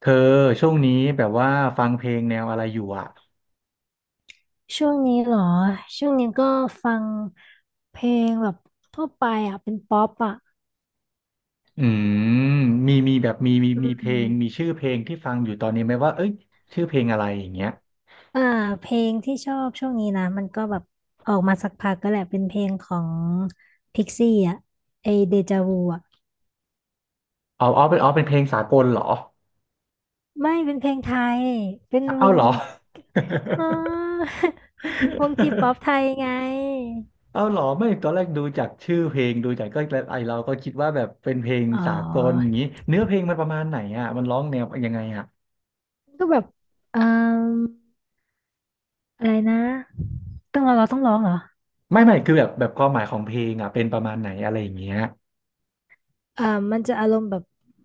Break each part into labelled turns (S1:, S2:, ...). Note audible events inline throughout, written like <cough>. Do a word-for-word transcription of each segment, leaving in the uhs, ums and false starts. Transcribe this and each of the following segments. S1: เธอช่วงนี้แบบว่าฟังเพลงแนวอะไรอยู่อ่ะ
S2: ช่วงนี้เหรอช่วงนี้ก็ฟังเพลงแบบทั่วไปอ่ะเป็นป๊อปอ่ะ
S1: อืมมีมีแบบมีมี
S2: อื
S1: มีเพลงมี
S2: ม
S1: ชื่อเพลงที่ฟังอยู่ตอนนี้ไหมว่าเอ้ยชื่อเพลงอะไรอย่างเงี้ย
S2: อ่าเพลงที่ชอบช่วงนี้นะมันก็แบบออกมาสักพักก็แหละเป็นเพลงของพิกซี่อ่ะไอเดจาวูอ่ะ
S1: เอาเอาเป็นเอาเป็นเพลงสากลเหรอ
S2: ไม่เป็นเพลงไทยเป็นว
S1: เอา
S2: ง
S1: เหรอ <laughs>
S2: <laughs> อ๋อ <laughs> วงทีป๊อปไทยไง
S1: เอาเหรอไม่ตอนแรกดูจากชื่อเพลงดูจากก็ไอเราก็คิดว่าแบบเป็นเพลง
S2: อ๋อ
S1: สากลอย่างงี้เนื้อเพลงมันประมาณไหนอ่ะมันร้องแนวยังไงอ่ะ
S2: ก็แบบเอ่มอะไรนะต้องเราเราต้องร้องเหรอ
S1: ไม่ไม่คือแบบแบบความหมายของเพลงอ่ะเป็นประมาณไหนอะไรอย่างเงี้ย
S2: อ่ามันจะอารมณ์แบบ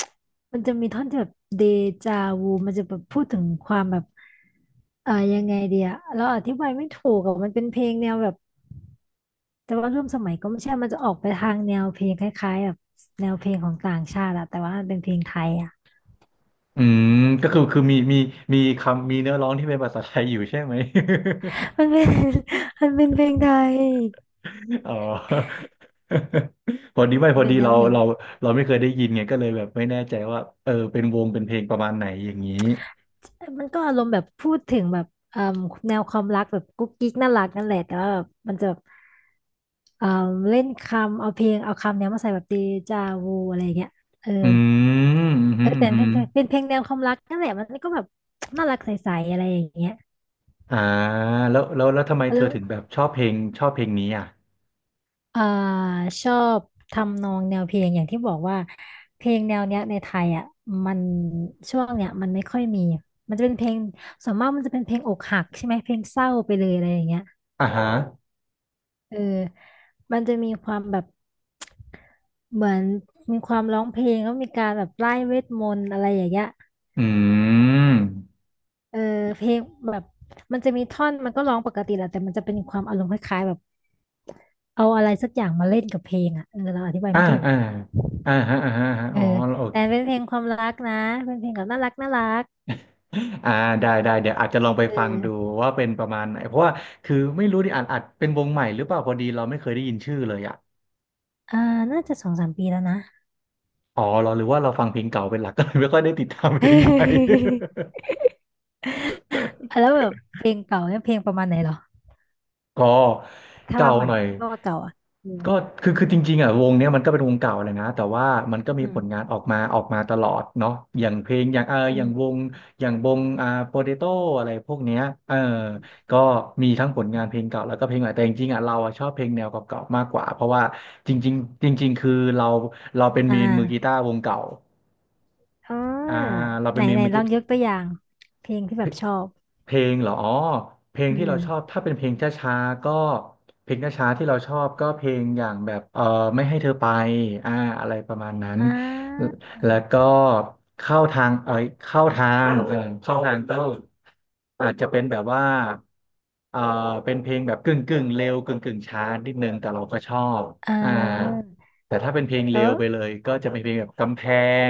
S2: <tsk> มันจะมีท่อนที่แบบเดจาวูมันจะแบบพูดถึงความแบบเอ่ายังไงเดียเราอธิบายไม่ถูกอะมันเป็นเพลงแนวแบบแต่ว่าร่วมสมัยก็ไม่ใช่มันจะออกไปทางแนวเพลงคล้ายๆแบบแนวเพลงของต่างชาติอะแต่ว่ามันเป็นเพลงไทยอะ
S1: อืมก็คือคือมีมีมีคำมีเนื้อร้องที่เป็นภาษาไทยอยู่ใช่ไหม
S2: มันเป็น <laughs> มันเป็นเพลงไทย
S1: <laughs> อ๋อ <laughs> พอดีไม่
S2: มั
S1: พ
S2: น
S1: อ
S2: เป็
S1: ดี
S2: นแนว
S1: เรา
S2: เพลง
S1: เราเราไม่เคยได้ยินไงก็เลยแบบไม่แน่ใจว่าเออเป็นวงเป็นเพลงประมาณไหนอย่างนี้
S2: มันก็อารมณ์แบบพูดถึงแบบเอ่มแนวความรักแบบกุ๊กกิ๊กน่ารักนั่นแหละแต่ว่าแบบมันจะแบบ เอ่อเล่นคำเอาเพลงเอาคำเนี้ยมาใส่แบบเดจาวูอะไรอย่างเงี้ยเออ
S1: อืมอื
S2: เออ
S1: ม
S2: แต่
S1: อื
S2: เป็
S1: ม
S2: นเพ
S1: อ
S2: ลงเป็น
S1: ม
S2: เพลงแนวความรักนั่นแหละมันก็แบบน่ารักใสๆอะไรอย่างเงี้ย
S1: อ่าแล้วแล้วแล้วทำไมเธอ
S2: แล้ว
S1: ถึงแบบชอบเพลงชอบเพลงนี้อ่ะ
S2: เอ่อชอบทำนองแนวเพลงอย่างที่บอกว่าเพลงแนวเนี้ยในไทยอ่ะมันช่วงเนี้ยมันไม่ค่อยมีมันจะเป็นเพลงส่วนมากมันจะเป็นเพลงอกหักใช่ไหมเพลงเศร้าไปเลยอะไรอย่างเงี้ย
S1: อ่าฮะ
S2: เออมันจะมีความแบบเหมือนมีความร้องเพลงแล้วมีการแบบไล่เวทมนต์อะไรอย่างเงี้ย
S1: อืม
S2: เออเพลงแบบมันจะมีท่อนมันก็ร้องปกติแหละแต่มันจะเป็นความอารมณ์คล้ายๆแบบเอาอะไรสักอย่างมาเล่นกับเพลงอ่ะเออเราอธิบาย
S1: อ่า
S2: ไม่ถูก
S1: อ่าอ่าฮะอ่าฮะอ่าฮะ
S2: เอ
S1: อ๋
S2: อ
S1: อโอ
S2: แต่
S1: เค
S2: เป็นเพลงความรักนะเป็นเพลงแบบน่ารักน่ารัก
S1: อ่าได้ได้เดี๋ยวอาจจะลองไป
S2: เอ
S1: ฟังดู
S2: อ
S1: ว่าเป็นประมาณไหนเพราะว่าคือไม่รู้ดิอาจอาจเป็นวงใหม่หรือเปล่าพอดีเราไม่เคยได้ยินชื่อเลยอ่ะ
S2: อ่าน่าจะสองสามปีแล้วนะ
S1: อ๋อเราหรือว่าเราฟังเพลงเก่าเป็นหลักก็เลยไม่ค่อยได้ติดตามเพลงใหม่
S2: <laughs> แล้วแบบเพลงเก่าเนี่ยเพลงประมาณไหนเหรอ
S1: <laughs> ก็
S2: ถ้า
S1: เก่า
S2: ว่าใหม่
S1: หน่อย
S2: ถ้าว่าเก่าอ่ะอืม
S1: ก็คือคือจริงๆอ่ะวงเนี้ยมันก็เป็นวงเก่าเลยนะแต่ว่ามันก็
S2: อื
S1: มีผ
S2: ม
S1: ลงานออกมาออกมาตลอดเนาะอย่างเพลงอย่างเออ
S2: อื
S1: อย่างว
S2: ม
S1: งอย่างวงอ่าโปเตโต้อะไรพวกเนี้ยเออก็มีทั้งผลงานเพลงเก่าแล้วก็เพลงใหม่แต่จริงๆอ่ะเราอ่ะชอบเพลงแนวเก่าๆมากกว่าเพราะว่าจริงๆจริงๆคือเราเราเป็น
S2: อ่
S1: เมนมือกี
S2: า
S1: ตาร์วงเก่า
S2: อ๋อ
S1: อ่าเรา
S2: ไห
S1: เป็
S2: น
S1: นเมน
S2: ไหน
S1: มือ
S2: ล
S1: กี
S2: อง
S1: ตาร์
S2: ยกตัวอย่างเพลงที่แบบชอบ
S1: เพลงเหรออ๋อเพลง
S2: อื
S1: ที่เราชอบ
S2: ม
S1: ถ้าเป็นเพลงช้าๆก็เพลงช้าๆที่เราชอบก็เพลงอย่างแบบเออไม่ให้เธอไปอ่าอะไรประมาณนั้น
S2: อ่า
S1: แล้วก็เข้าทางเออเข้าทางเออเข้าทางก็อาจจะเป็นแบบว่าเออเป็นเพลงแบบกึ่งกึ่งเร็วกึ่งกึ่งช้านิดนึงแต่เราก็ชอบ
S2: อ่
S1: อ่า
S2: า
S1: แต่ถ้าเป็นเพลง
S2: เอ
S1: เร็ว
S2: อ
S1: ไปเลยก็จะเป็นเพลงแบบกำแพ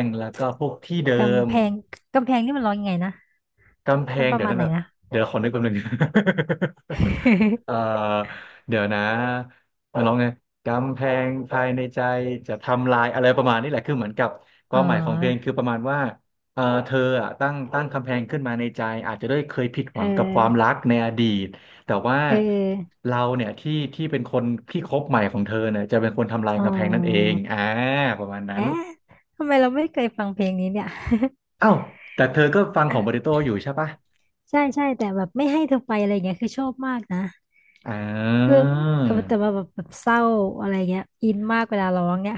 S1: งแล้วก็พวกที่เดิม
S2: กำแพงกำแพงนี่มันร้องยังไงนะ
S1: กำแพ
S2: มัน
S1: ง
S2: ประ
S1: เดี๋ยว
S2: มาณ
S1: นั่น
S2: ไหน
S1: แหละ
S2: นะ
S1: เดี๋ยวขอนึกแป๊บนึง <laughs> เอ่อ
S2: <laughs>
S1: เดี๋ยวนะมาลองไงกำแพงภายในใจจะทำลายอะไรประมาณนี้แหละคือเหมือนกับค
S2: เ
S1: วามหมายของเพลง
S2: ออ
S1: คือประมาณว่าเออเธออ่ะตั้งตั้งกำแพงขึ้นมาในใจอาจจะด้วยเคยผิดห
S2: เอ
S1: วังกับความรั
S2: อ
S1: กในอดีตแต่ว่า
S2: เออ
S1: เราเนี่ยที่ที่เป็นคนที่คบใหม่ของเธอเนี่ยจะเป็นคนทำลาย
S2: อ๋
S1: กำแพงนั่นเอง
S2: อ
S1: อ่าประมาณนั้น
S2: แอะทำไมเราไม่เคยฟังเพลงนี้เนี่ย
S1: เอ้าแต่เธอก็ฟังของโปเตโต้อยู่ใช่ปะ
S2: ใช่ใช่แต่แบบไม่ให้เธอไปอะไรเงี้ยคือชอบมากนะ
S1: อ่
S2: คือเออแต่
S1: า
S2: ว่าแบบแบบเศร้าอะไรเงี้ยอินมากเวลาร้องเนี่ย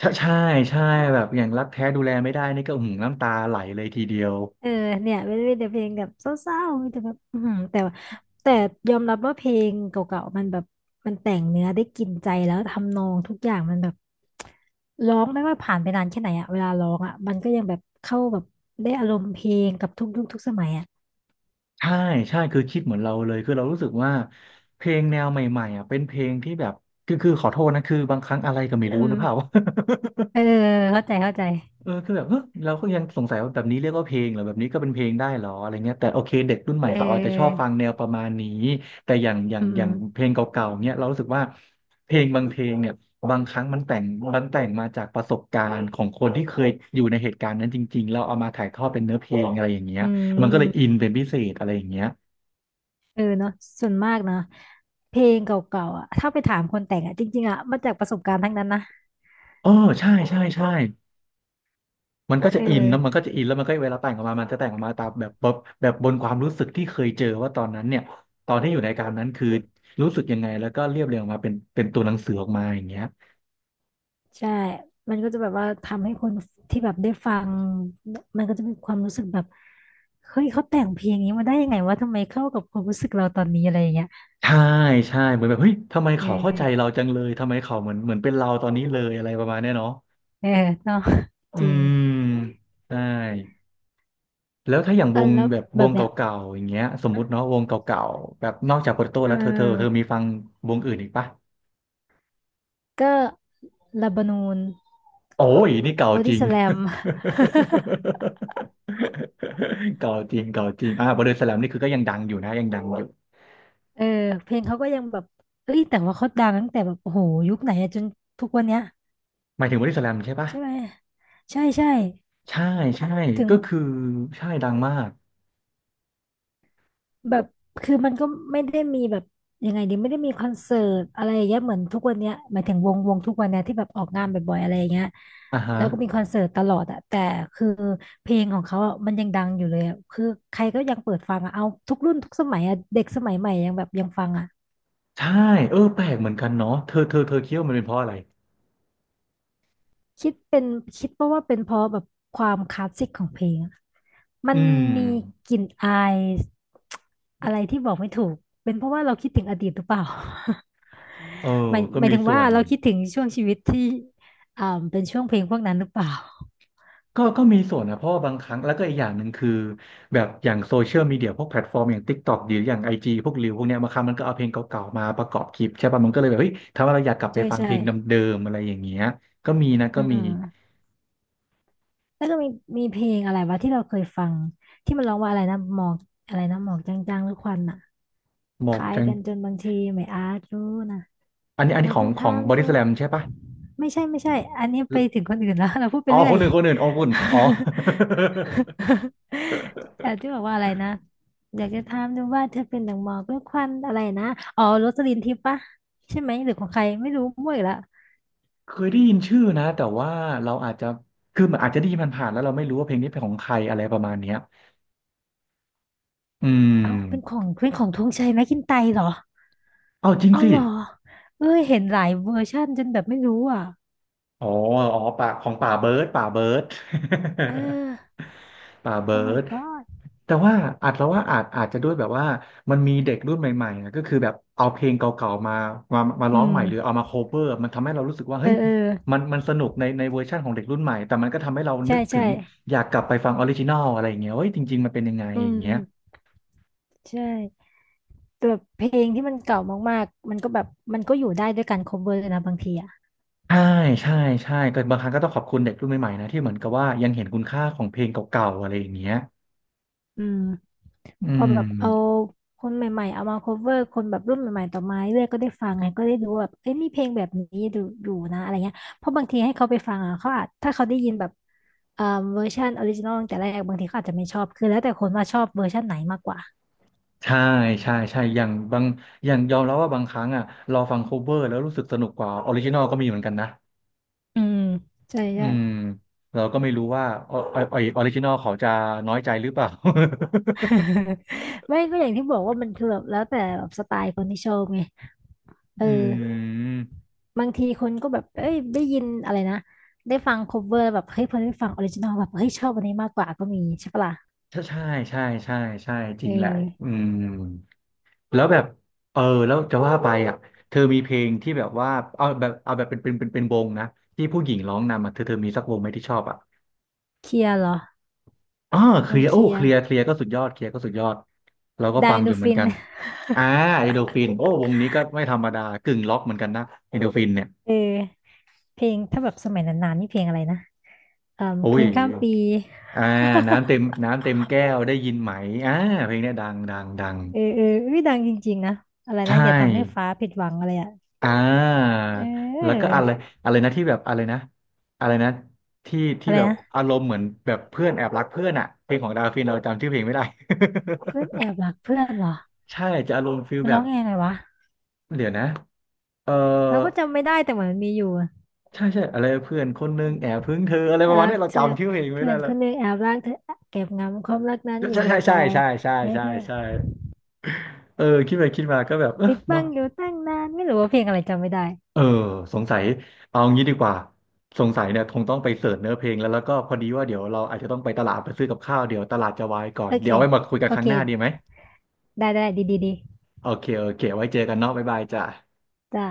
S1: ใช่ใช่ใช่แบบอย่างรักแท้ดูแลไม่ได้นี่ก็หึงน้ำตาไหลเลยทีเดียว
S2: เออเนี่ยไม่ได้แต่เพลงแบบเศร้าๆมีแต่แบบอือหือแต่ว่าแต่ยอมรับว่าเพลงเก่าๆมันแบบมันแต่งเนื้อได้กินใจแล้วทำนองทุกอย่างมันแบบร้องไม่ว่าผ่านไปนานแค่ไหนอะเวลาร้องอะมันก็ยังแบบเข้าแบบได้อารมณ์เพลงกับทุกยุคทุกสมัยอะ
S1: ใช่ใช่คือคิดเหมือนเราเลยคือเรารู้สึกว่าเพลงแนวใหม่ๆอ่ะเป็นเพลงที่แบบคือคือขอโทษนะคือบางครั้งอะไรก็ไม่รู้
S2: อื
S1: นะ
S2: ม
S1: เปล่า <laughs>
S2: เออเข้าใจเข้าใจ
S1: เออคือแบบเฮ้ยเราก็ยังสงสัยว่าแบบนี้เรียกว่าเพลงเหรอแบบนี้ก็เป็นเพลงได้เหรออะไรเงี้ยแต่โอเคเด็กรุ่นใหม่
S2: เ
S1: เขาอาจจะชอบฟั
S2: ออ
S1: งแนวประมาณนี้แต่อย่างอย่า
S2: อื
S1: งอ
S2: ม
S1: ย่างเพลงเก่าๆเนี้ยเรารู้สึกว่าเพลงบางเพลงเนี่ยบางครั้งมันแต่งมันแต่งมาจากประสบการณ์ของคนที่เคยอยู่ในเหตุการณ์นั้นจริงๆเราเอามาถ่ายทอดเป็นเนื้อเพลงอะไรอย่างเงี้ย
S2: อื
S1: มันก็เลยอิน
S2: ม
S1: เป็นพิเศษอะไรอย่างเงี้ย
S2: เออเนาะส่วนมากนะเพลงเก่าๆอะถ้าไปถามคนแต่งอะจริงๆอะมาจากประสบการณ์ทั้งนั้นนะ
S1: เออใช่ใช่ใช่ มันก็จะ
S2: เออ
S1: อินแล้วมันก็จะอินแล้วมันก็เวลาแต่งออกมามันจะแต่งออกมาตามแบบแบบแบบบนความรู้สึกที่เคยเจอว่าตอนนั้นเนี่ยตอนที่อยู่ในการนั้นคือรู้สึกยังไงแล้วก็เรียบเรียงออกมาเป็นเป็นตัวหนังสือออกมาอย่างเงี้ย
S2: ใช่ มันก็จะแบบว่าทำให้คนที่แบบได้ฟัง มันก็จะมีความรู้สึกแบบ เฮ้ยเขาแต่งเพลงนี้มาได้ยังไงวะทำไมเข้ากับความรู้สึกเราตอนนี้อะไรอย่างเงี้ย
S1: ใช่ใช่เหมือนแบบเฮ้ยทำไม
S2: เอ
S1: เขาเข้าใจ
S2: อ
S1: เราจังเลยทำไมเขาเหมือนเหมือนเป็นเราตอนนี้เลยอะไรประมาณเนี้ยเนาะ
S2: เออเนาะ
S1: อื
S2: จริง
S1: มใช่แล้วถ้าอย่างว
S2: อ่ะ
S1: ง
S2: แล้ว
S1: แบบ
S2: แบ
S1: วง
S2: บ
S1: เก
S2: เนี้ย
S1: ่าๆอย่างเงี้ยสมมุติเนาะวงเก่าๆแบบนอกจากโปเตโต้
S2: เ
S1: แล้วเธอเธอเธอ
S2: ออ
S1: มีฟังวงอื่นอีกปะ
S2: ก็ลาบานูน
S1: โอ้ยนี่เก่า
S2: บอ
S1: จ
S2: ดี้
S1: ริง
S2: สแลม
S1: <laughs> เก่าจริงเก่าจริงอ่าบอดี้สแลมนี่คือก็ยังดังอยู่นะยังดังอยู่
S2: เออเพลงเขาก็ยังแบบเอ้ยแต่ว่าเขาดังตั้งแต่แบบโอ้โหยุคไหนอะจนทุกวันเนี้ย
S1: หมายถึงบอดี้สแลมใช่ปะ
S2: ใช่ไหมใช่ใช่
S1: ใช่ใช่
S2: ถึง
S1: ก็คือใช่ดังมาก
S2: แบบคือมันก็ไม่ได้มีแบบยังไงดีไม่ได้มีคอนเสิร์ตอะไรอย่างเงี้ยเหมือนทุกวันเนี้ยหมายถึงวงวงทุกวันเนี้ยที่แบบออกงานบ่อยๆอะไรอย่างเงี้ย
S1: อ่าฮะ
S2: แล้วก็มีคอนเสิร์ตตลอดอะแต่คือเพลงของเขาอะมันยังดังอยู่เลยอะคือใครก็ยังเปิดฟังอะเอาทุกรุ่นทุกสมัยอะเด็กสมัยใหม่ยังแบบยังฟังอะ
S1: ใช่เออแปลกเหมือนกันเนาะเธอเธอเธอคิดว่ามันเป็นเพราะอะไร
S2: คิดเป็นคิดเพราะว่าเป็นเพราะแบบความคลาสสิกของเพลงอะมั
S1: อื
S2: น
S1: ม
S2: มีกลิ่นอายอะไรที่บอกไม่ถูกเป็นเพราะว่าเราคิดถึงอดีตหรือเปล่า
S1: เออ
S2: หมาย
S1: ก็
S2: หมาย
S1: มี
S2: ถึง
S1: ส่
S2: ว่า
S1: วน
S2: เราคิดถึงช่วงชีวิตที่อ่าเป็นช่วงเพลงพวกนั้นหรือเปล่า
S1: ก็ก็มีส่วนนะเพราะว่าบางครั้งแล้วก็อีกอย่างหนึ่งคือแบบอย่างโซเชียลมีเดียพวกแพลตฟอร์มอย่าง TikTok หรืออย่าง ไอ จี พวกรีวพวกเนี้ยบางครั้งมันก็เอาเพลงเก่าๆมาประกอบคลิปใช่ป่ะมันก็เลยแบบเฮ้ยทำให้เราอยากกลับไป
S2: ใช่
S1: ฟัง
S2: ใช่
S1: เพลงเดิมๆอะไรอย่างเงี้ยก็มีนะก็
S2: อื
S1: มี
S2: มแล้วก็มีมีเพลงอะไรวะที่เราเคยฟังที่มันร้องว่าอะไรนะหมอกอะไรนะหมอกจางๆหรือควันอ่ะ
S1: หม
S2: ค
S1: อก
S2: ล้าย
S1: กัน
S2: กันจนบางทีไม่อาจรู้นะ
S1: อันนี้อัน
S2: อ
S1: นี้
S2: ยาก
S1: ของ
S2: จะ
S1: ขอ
S2: ถา
S1: ง
S2: ม
S1: บอ
S2: ดู
S1: ดี้สแลมใช่ป่ะ
S2: ไม่ใช่ไม่ใช่ อันนี้ไปถึงคนอื่นแล้ว <laughs> เราพูดไป
S1: อ๋อ
S2: เรื่
S1: ค
S2: อ
S1: น
S2: ย
S1: หนึ่งคนหนึ่งอ๋อคุณอ๋อ
S2: <laughs> แต่ที่
S1: <laughs>
S2: บอกว่าอะไรนะอยากจะถามดูว่าเธอเป็นดังหมอกหรือควันอะไรนะอ๋อโรสลินทิพย์ปะใช่ไหมหรือของใครไม่รู้มั่วอีกแล้ว
S1: เคยได้ยินชื่อนะแต่ว่าเราอาจจะคือมันอาจจะได้ยินผ่านๆแล้วเราไม่รู้ว่าเพลงนี้เป็นของใครอะไรประมาณเนี้ยอืม
S2: เอ้าเป็นของเป็นของธงชัยไหมกินไตร์เหรอ
S1: เอาจริง
S2: อ๋อ
S1: สิ
S2: เหรอ เอ้ยเห็นหลายเวอร์ชั่นจนแบบไม่รู้อ่ะ
S1: อ๋ออ๋อป่าของป่าเบิร์ดป่าเบิร์ด
S2: เออ
S1: <laughs> ป่าเบิ
S2: โอ้
S1: ร์
S2: my
S1: ด
S2: god
S1: แต่ว่าอาจแล้วว่าอาจอาจจะด้วยแบบว่ามันมีเด็กรุ่นใหม่ๆนะก็คือแบบเอาเพลงเก่าๆมามามา
S2: อื
S1: ร้อง
S2: ม
S1: ใหม่หรือเอามาโคเวอร์มันทำให้เรารู้สึกว่า
S2: เอ
S1: เฮ้ย
S2: อเออ
S1: มันมันสนุกในในเวอร์ชันของเด็กรุ่นใหม่แต่มันก็ทำให้เรา
S2: ใช่
S1: นึกถึ
S2: ใช่
S1: งอยากกลับไปฟังออริจินอลอะไรอย่างเงี้ยเฮ้ยจริงๆมันเป็นยังไง
S2: อื
S1: อย่างเงี้ย
S2: มใช่ แต่แบบเพลงที่มันเก่ามากๆมันก็แบบมันก็อยู่ได้ด้วยการ cover นะบางทีอ่ะ
S1: ใช่ใช่ใช่ก็บางครั้งก็ต้องขอบคุณเด็กรุ่นใหม่ๆนะที่เหมือนกับว่ายังเห็นคุณค่าของเพลงเก่าๆอะไรอย่างเงี้ย
S2: อืม
S1: อื
S2: พอแบ
S1: ม
S2: บเอาคนใหม่ๆเอามา cover คนแบบรุ่นใหม่ๆต่อมาเรื่อยๆก็ได้ฟังไงก็ได้ดูว่าแบบเอ้ยมีเพลงแบบนี้ดูอยู่นะอะไรเงี้ยเพราะบางทีให้เขาไปฟังอ่ะเขาอาจถ้าเขาได้ยินแบบเอ่อเวอร์ชันออริจินอลตั้งแต่แรกบางทีเขาอาจจะไม่ชอบคือแล้วแต่คนว่าชอบเวอร์ชันไหนมากกว่า
S1: ใช่ใช่ใช่อย่างบางอย่างยอมรับว่าบางครั้งอ่ะเราฟังโคเวอร์แล้วรู้สึกสนุกกว่าออริจินอลก็มีเหมือนกันนะ
S2: อืมใช่
S1: อื
S2: ใช่
S1: มเราก็ไม่รู้ว่าอออออริจินอลเขาจะน้อยใจหรือเปล่า
S2: <laughs> ไม่ก็อย่างที่บอกว่ามันคือแบบแล้วแต่แบบสไตล์คนที่ชอบไงเอ
S1: <laughs>
S2: อ
S1: อืม
S2: บางทีคนก็แบบเอ้ยได้ยินอะไรนะได้ฟังคเวอร์แบบเฮ้ยพอได้ฟังออริจินอลแบบเฮ้ยชอบอันนี้มากกว่าก็มีใช่ปะล่ะ
S1: ใช่ใช่ใช่ใช่ใช่จ
S2: เอ
S1: ริงแหละ
S2: อ
S1: อืมแล้วแบบเออแล้วจะว่าไปอ่ะเธอมีเพลงที่แบบว่าเอาแบบเอาแบบเป็นเป็นเป็นเป็นวงนะที่ผู้หญิงร้องนำอ่ะเธอเธอมีสักวงไหมที่ชอบอ่ะ
S2: เคลียร์เหรอ
S1: อ่าเค
S2: ว
S1: ลี
S2: ง
S1: ยร์
S2: เค
S1: โอ้
S2: ลีย
S1: เค
S2: ร์
S1: ลียร์เคลียร์ก็สุดยอดเคลียร์ก็สุดยอดเราก็
S2: ดา
S1: ฟั
S2: ว
S1: ง
S2: อิน
S1: อยู่
S2: ดู
S1: เหมือน
S2: ฟิน
S1: กันอ่าเอโดฟินโอ้วงนี้ก็ไม่ธรรมดากึ่งล็อกเหมือนกันนะเอโดฟินเนี่ย
S2: เออเพลงถ้าแบบสมัยนานๆนี่เพลงอะไรนะเอ่อ
S1: โอ้
S2: คื
S1: ย
S2: นข้ามปี
S1: อ่าน้ำเต็มน้ำเต็มแก้วได้ยินไหมอ่าเพลงเนี้ยดังดังดัง
S2: เออเออเอ้ยดังจริงๆนะอะไรนะ
S1: ใช่
S2: อย่าทำให้ฟ้าผิดหวังอะไรอ่ะ
S1: อ่า
S2: เ
S1: แล้ว
S2: ออ
S1: ก็อะไรอะไรนะที่แบบอะไรนะอะไรนะที่ที่
S2: อะไร
S1: แบบ
S2: นะ
S1: อารมณ์เหมือนแบบเพื่อนแอบรักเพื่อนอะเพลงของดาฟินเราจำชื่อเพลงไม่ได้
S2: เพื่อนแอบรักเพื่อนเหรอ
S1: <laughs> ใช่จะอารมณ์ฟิล
S2: มัน
S1: แบ
S2: ร้อ
S1: บ
S2: งยังไงวะ
S1: เดี๋ยวนะเออ
S2: เราก็จำไม่ได้แต่เหมือนมันมีอยู่
S1: ใช่ใช่อะไรเพื่อนคนนึงแอบพึ่งเธออะไรประมา
S2: รั
S1: ณ
S2: ก
S1: เนี้ยเรา
S2: เธอ
S1: จำชื่อเพลงไม่
S2: เพื่อ
S1: ได้
S2: น
S1: แล้
S2: ค
S1: ว
S2: นหนึ่งแอบรักเธอเก็บงำความรักนั้นอยู่
S1: ใช่
S2: ในใจ
S1: ใช่ใช่ใช่
S2: นี่
S1: ใช่ใช่
S2: คือ
S1: ใช่เออคิดไปคิดมาก็แบบเออ
S2: ติดบั
S1: เนาะ
S2: งอยู่ตั้งนานไม่รู้ว่าเพลงอะไรจำไม่ได้
S1: เออสงสัยเอางี้ดีกว่าสงสัยเนี่ยคงต้องไปเสิร์ชเนื้อเพลงแล้วแล้วก็พอดีว่าเดี๋ยวเราอาจจะต้องไปตลาดไปซื้อกับข้าวเดี๋ยวตลาดจะวายก่อน
S2: โอ
S1: เดี๋
S2: เค
S1: ยวเอาไว้มาคุยกัน
S2: โอ
S1: ครั้งหน้าดีไห
S2: เค
S1: ม
S2: ได้ได้ดีดีดี
S1: โอเคโอเคไว้เจอกันเนาะบ๊ายบายจ้ะ
S2: จ้า